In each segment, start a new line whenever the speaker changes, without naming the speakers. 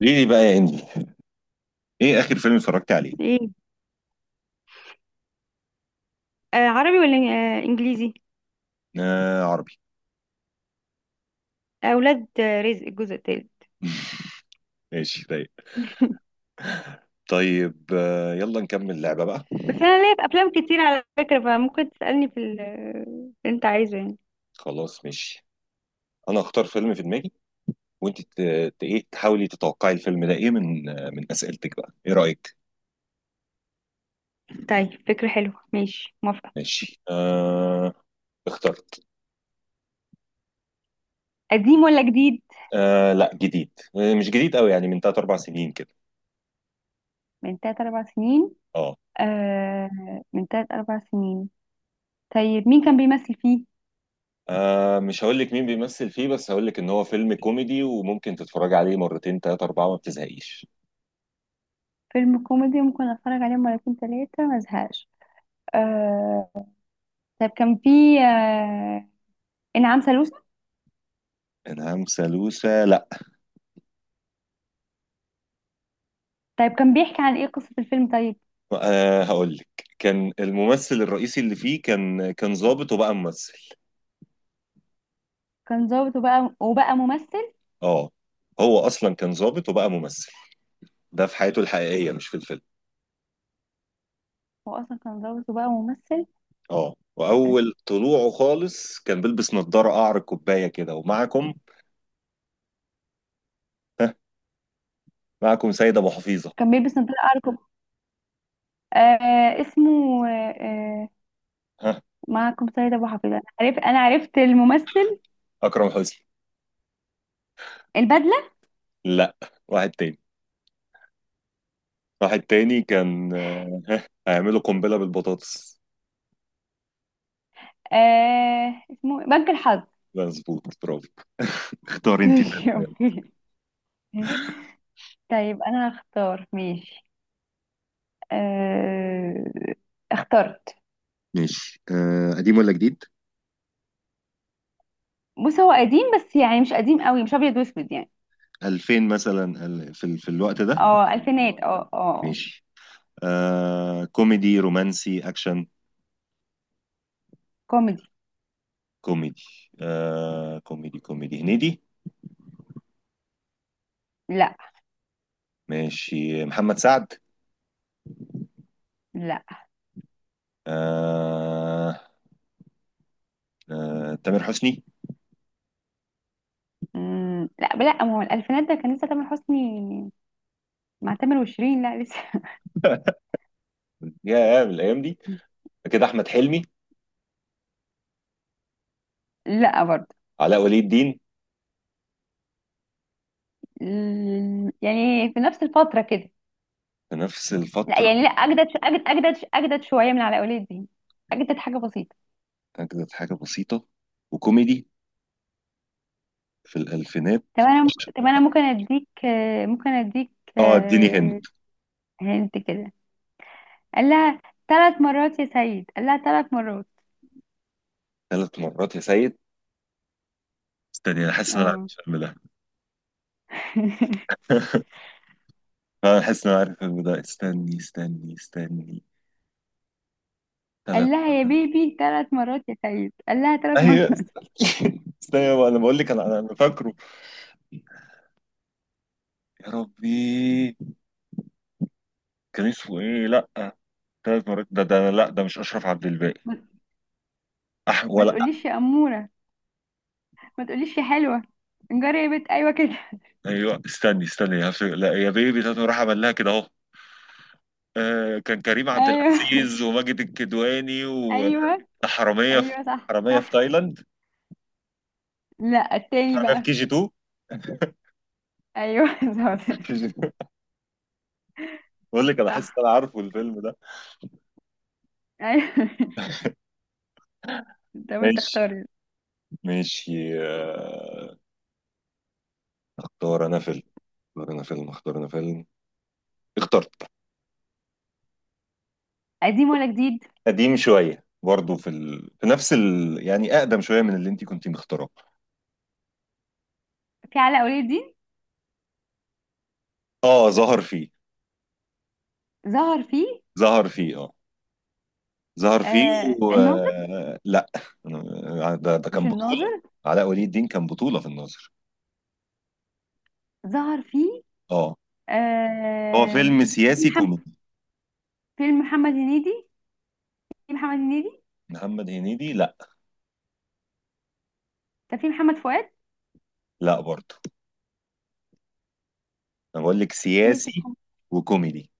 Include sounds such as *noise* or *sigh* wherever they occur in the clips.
ليه بقى يا انجي؟ ايه اخر فيلم اتفرجت عليه؟
ايه؟ آه، عربي ولا انجليزي؟
آه، عربي.
اولاد آه، رزق الجزء الثالث.
*laughs* ماشي، رايق.
*laughs*
طيب، يلا نكمل لعبة بقى.
بس انا ليا في افلام كتير على فكره، فممكن تسالني في اللي انت عايزه يعني.
خلاص، ماشي. انا اختار فيلم في دماغي، وانت ايه، تحاولي تتوقعي الفيلم ده ايه من من اسئلتك بقى. ايه رأيك؟
طيب، فكره حلوه، ماشي موافقه.
ماشي، آه. اخترت.
قديم ولا جديد؟
آه، لا، جديد، مش جديد قوي، يعني من 3 4 سنين كده.
من تلات أربع سنين.
اه.
آه، من تلات أربع سنين. طيب، مين كان بيمثل فيه؟
آه، مش هقول لك مين بيمثل فيه، بس هقول لك ان هو فيلم كوميدي وممكن تتفرج عليه مرتين ثلاثة أربعة ما بتزهقيش.
فيلم كوميدي ممكن أتفرج عليه مرتين تلاتة ما أزهقش. آه، طيب كان فيه آه، إنعام سالوسة؟
انعام سالوسة؟ لا.
طيب، كان بيحكي عن إيه قصة الفيلم طيب؟
أه، هقول لك. كان الممثل الرئيسي اللي فيه كان ظابط وبقى ممثل.
كان ظابط وبقى ممثل.
اه. هو اصلا كان ظابط وبقى ممثل. ده في حياته الحقيقيه، مش في الفيلم.
هو اصلا كان متجوز وبقى ممثل.
اه. واول طلوعه خالص كان بيلبس نظاره قعر الكوبايه كده، ومعكم. ها. معكم سيد ابو حفيظه.
كان بيلبس نضاره ارجل. آه، اسمه آه
ها.
معكم سيد ابو حفيظ. انا عرفت الممثل.
اكرم حسني؟
البدله.
لا. واحد تاني. واحد تاني كان، هيعملوا قنبله بالبطاطس.
آه، اسمه بنك الحظ.
مظبوط، برافو. اختار
*laughs*
انت فيلم،
ماشي،
يلا.
أوكي. طيب، انا هختار ماشي. آه، اخترت.
ماشي، أه. قديم ولا جديد؟
بص، هو قديم بس يعني مش قديم قوي، مش ابيض واسود يعني.
2000 مثلا، في في الوقت ده.
اه الفينات، اه اه.
ماشي، آه. كوميدي، رومانسي، أكشن؟
كوميدي.
كوميدي. آه، كوميدي. هنيدي؟
لا
ماشي، محمد سعد؟
لا.
آه. آه، تامر حسني؟
مم، لا، لا، ما هو الالفينات ده كان لسه تامر حسني. مع تامر وشيرين لا لسه.
*laughs* يا من الأيام دي.
*laughs*
كده أحمد حلمي؟
لا برضه.
علاء ولي الدين؟
يعني في نفس الفترة كده.
في نفس
لا
الفترة.
يعني، لا اجدد اجدد شوية من على اولاد دي. اجدد حاجة بسيطة.
أجدد حاجة بسيطة وكوميدي، في الألفينات.
طب انا ممكن اديك آه، ممكن اديك
اه، اديني
آه،
هند.
هنت كده. قال لها ثلاث مرات يا سيد، قال لها ثلاث مرات.
3 مرات يا سيد. استني، انا حاسس ان انا عارف
اه.
الفيلم ده.
*laughs*
*laughs* انا حاسس ان انا عارف الفيلم ده، استني استني استني.
قال
ثلاث.
لها يا بيبي ثلاث مرات يا سيد، قال لها ثلاث
ايوه،
مرات. *laughs*
استنى استنى بقى، انا بقول لك، انا انا أنا فاكره. يا ربي، كان اسمه ايه؟ لا، 3 مرات. ده لا، ده مش اشرف عبد الباقي.
ما
أح،
ما
ولا.
تقوليش يا أمورة، ما تقوليش يا حلوة، انجري يا بنت. ايوه كده. *laughs*
ايوه، استني استني، لا، يا بيبي، 3 مرات عمل لها كده اهو. آه، كان كريم عبد
ايوه.
العزيز
*laughs*
وماجد الكدواني.
ايوه.
وحراميه في
ايوه صح
حراميه في
صح.
تايلاند.
لا، التاني
حراميه في
بقى.
كي جي 2.
ايوه *laughs* بالظبط.
كي جي 2. بقول لك انا حاسس
صح.
ان انا عارفه الفيلم ده.
ايوه. طب انت
ماشي.
اختاري.
ماشي، آه. اختار انا فيلم. اختار انا فيلم. اختار انا فيلم. اخترت.
قديم ولا جديد؟
قديم شوية برضه، في في نفس يعني أقدم شوية من اللي أنت كنت مختاره.
في علاء ولي الدين؟
اه، ظهر فيه.
ظهر فيه.
ظهر فيه. اه، ظهر فيه.
آه،
و...
الناظر.
آه، لا. آه، ده
مش
كان بطولة.
الناظر.
علاء ولي الدين كان بطولة في الناظر؟
ظهر فيه.
اه. هو
آه،
فيلم
في
سياسي
محمد،
كوميدي.
فيلم محمد هنيدي. في محمد هنيدي.
محمد هنيدي؟ لا.
كان في محمد فؤاد.
لا برضه. انا بقول لك،
في ياسر
سياسي وكوميدي.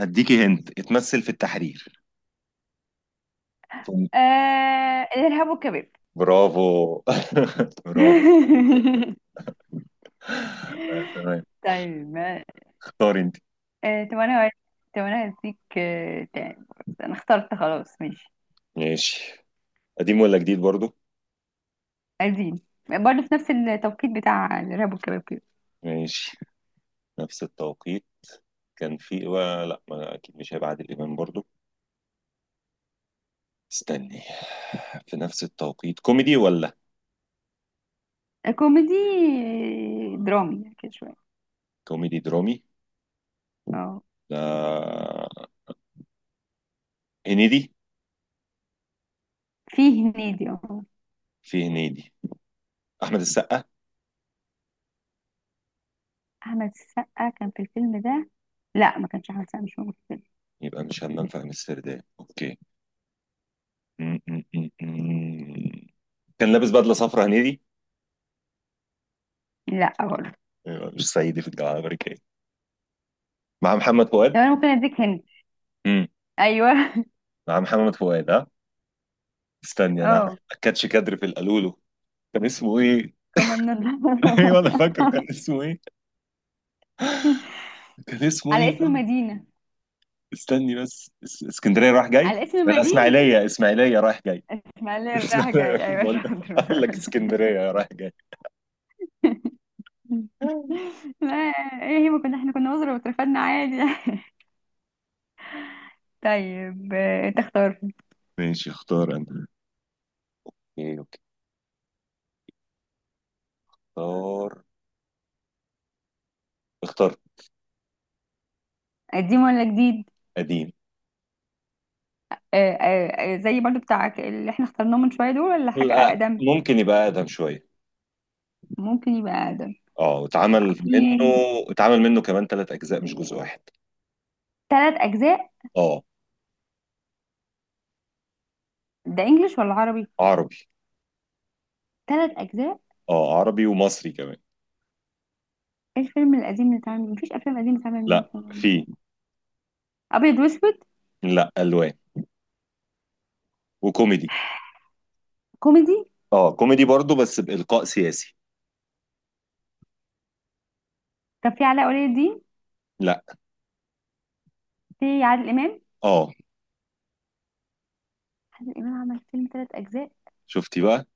اديكي هنت، اتمثل في التحرير. ثم-
آه، الارهاب والكباب.
برافو. *laughs* برافو.
*laughs*
آه، تمام.
طيب
اختاري انت.
آه، طب انا هديك آه تاني. انا اخترت خلاص، ماشي.
ماشي. قديم ولا جديد برضه؟
قديم، برضه في نفس التوقيت بتاع الارهاب والكباب كده.
ماشي، نفس التوقيت. لا، ما اكيد مش هيبقى عادل امام برضو. استني، في نفس التوقيت؟ كوميدي ولا؟
كوميدي، آه، درامي كده شوية.
كوميدي درامي.
اه،
لا، هنيدي؟
فيه هنيدي، اه.
في هنيدي. احمد السقا؟
أحمد السقا كان في الفيلم ده؟ لا، ما كانش أحمد السقا، مش موجود في الفيلم.
يبقى مش همام في امستردام. اوكي. م- م- م- م. كان لابس بدله صفرا هنيدي.
لا برضه.
يبقى مش صعيدي في الجامعه الامريكيه، مع محمد فؤاد.
طب أنا ممكن أديك هندي؟
امم.
أيوه *laughs*
مع محمد فؤاد، ها. استني، انا عارف.
اه
كاتش كادر في القالولو. كان اسمه ايه؟
كمان
*laughs*
نضرب.
ايوه، انا فاكره. كان اسمه ايه؟ كان
*laughs*
اسمه
على
ايه؟
اسم مدينة.
استني بس، اسكندريه رايح جاي،
على اسم
ولا
مدينة.
اسماعيليه؟ اسماعيليه رايح جاي. *laughs*
اسماعيلية رايح جاي،
اسماعيليه،
أيوه
بقول.
شاطر.
قال لك
*laughs*
اسكندريه رايح جاي.
لا. ايه هي، ما كنا احنا كنا وزراء واترفدنا عادي. *laughs* طيب آه، تختار.
ماشي، اختار انا. ايه، اوكي. اختار. اختار.
قديم ولا جديد؟
قديم.
آه، آه، آه، زي برضو بتاعك اللي احنا اخترناه من شوية دول، ولا حاجة
لا،
أقدم؟
ممكن يبقى اقدم شويه.
ممكن يبقى أقدم.
اه، اتعمل منه.
في.
اتعمل منه كمان 3 اجزاء، مش جزء واحد.
ثلاث أجزاء؟
اه،
ده إنجليش ولا عربي؟
عربي.
ثلاث أجزاء.
اه، عربي ومصري كمان.
إيه الفيلم القديم اللي اتعمل؟ مفيش أفلام قديمة اتعمل منه
لا،
فيلم.
في.
أبيض وأسود؟
لا، الوان. وكوميدي.
كوميدي.
اه، كوميدي برضو، بس بالقاء سياسي.
طب في علاء ولي الدين؟
لا.
في عادل إمام؟
اه،
عادل إمام عمل فيلم ثلاث أجزاء؟
شفتي بقى.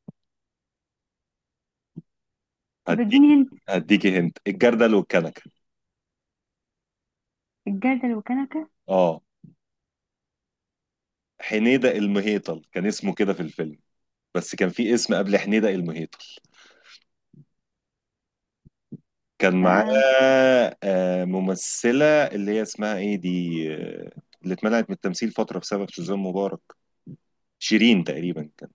طب
هديك.
اديني هنت.
هديكي هنت الجردل والكنكه.
الجردل وكنكة.
اه. حنيدة المهيطل كان اسمه كده في الفيلم، بس كان في اسم قبل حنيدة المهيطل. كان معاه،
آه،
ممثلة، اللي هي اسمها ايه دي؟ آه، اللي اتمنعت من التمثيل فترة بسبب سوزان مبارك. شيرين تقريبا كان.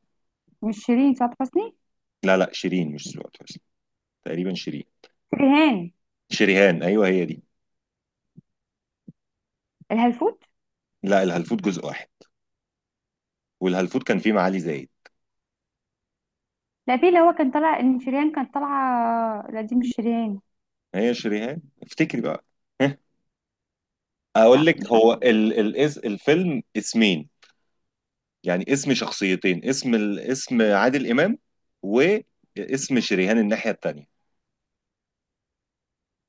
مش شيرين، سعاد حسني.
لا لا، شيرين مش سعاد حسني. تقريبا شيرين.
شريهان.
شريهان، ايوه، هي دي.
الهلفوت.
لا، الهلفوت جزء واحد. والهلفوت كان فيه معالي زايد.
لا، في اللي هو كان طالع إن شريهان كانت طالعة. لا دي مش شريهان.
هي شريهان، افتكري بقى. *laughs* اقول
لا مش
لك،
عارفة.
هو ال الفيلم اسمين. يعني اسم شخصيتين، اسم اسم عادل امام، واسم شريهان الناحيه التانيه.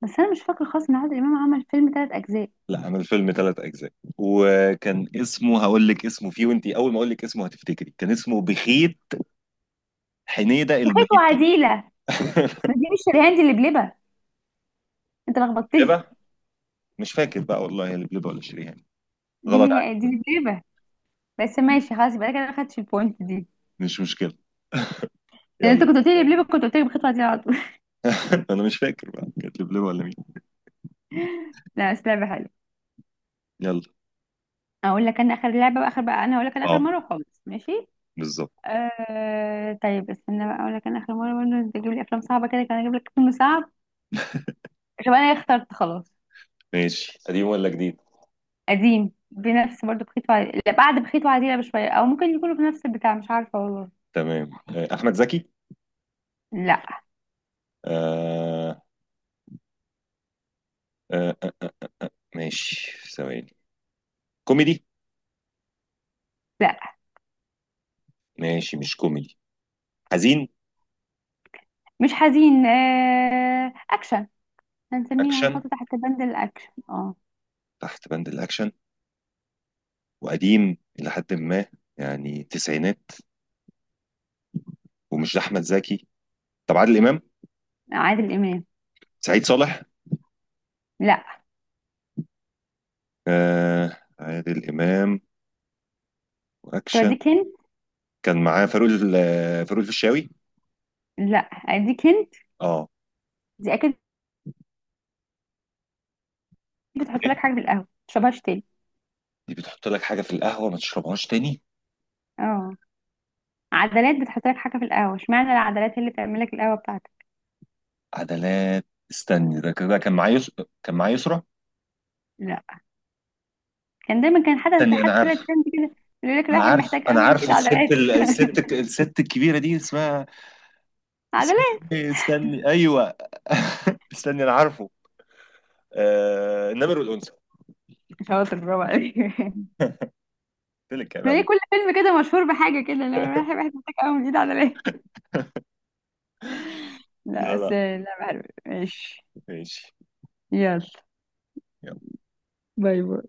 بس أنا مش فاكرة خالص إن عادل إمام عمل فيلم ثلاث أجزاء.
لا، عمل فيلم 3 اجزاء. وكان اسمه، هقول لك اسمه فيه وانتي اول ما اقول لك اسمه هتفتكري. كان اسمه بخيت حنيده
بخيت
المهيتة.
وعديلة. ما
*laughs*
دي مش شريهان، دي اللي بلبة. انت لخبطتني.
لبه، مش فاكر بقى والله، هي لبلبه ولا شريهان.
دي اللي
غلط
هي دي
عليك.
اللي بس ماشي خلاص، يبقى انا كده ما خدتش البوينت دي.
مش مشكله.
لان انت
يلا.
كنت قلت لي بليبه، كنت قلت لي بالخطوه دي على طول. *laughs*
*laughs* انا مش فاكر بقى كانت لبلبه ولا مين.
لا بس لعبه حلوه.
يلا.
اقول لك انا اخر لعبه بقى، اخر بقى، انا اقول لك انا اخر
اه،
مره خالص، ماشي.
بالظبط.
آه، طيب استنى بقى، اقول لك انا اخر مره برضه، انت تجيب لي افلام صعبه كده، كان اجيب لك فيلم صعب. طب انا اخترت خلاص.
ماشي، قديم ولا جديد؟
قديم، بنفس برضه بخيط وعديلة، لا بعد بخيط وعديلة بشويه، او ممكن يكونوا في نفس البتاع، مش عارفه والله.
تمام، آه، احمد زكي؟
لا.
آه. آه آه. ماشي، ثواني. كوميدي؟
لا
ماشي، مش كوميدي. حزين؟
مش حزين، آه، اكشن. هنسميه،
اكشن.
هنحطه تحت بند الاكشن، اه.
تحت بند الاكشن. وقديم الى حد ما، يعني تسعينات، ومش احمد زكي. طب عادل امام؟
عادل امام.
سعيد صالح؟
لا.
آه، عادل امام،
طب
واكشن.
اديك هنت.
كان معاه فاروق الفيشاوي.
لا اديك هنت،
اه.
دي اكيد. بتحط
إيه؟
لك حاجه في القهوه متشربهاش تاني.
دي بتحط لك حاجه في القهوه، ما تشربهاش تاني.
اه. عدلات بتحط لك حاجه في القهوه، اشمعنى العدلات هي اللي بتعمل لك القهوه بتاعتك.
عدلات. استني، ده كده كان معاه كان معاه يسرا.
لا. كان دايما كان حد
استني، انا
حد طلع
عارف.
ترند كده يقول لك الواحد محتاج
انا
قهوه من ايد
عارفه الست
عدلات.
الست الكبيره دي اسمها.
*laughs*
اسمه.
عدلات.
إيه؟ استني، ايوه. *laughs* استني، انا عارفه. النمر والانثى.
شاطر، برافو عليك. *laughs*
قلت لك كلام
ما هي
عليه.
كل فيلم كده مشهور بحاجه كده، لو الواحد محتاج قهوه من ايد عدلات. لا
لا،
بس
لا.
لا بعرف. ماشي.
ماشي.
يلا.
يلا.
باي باي.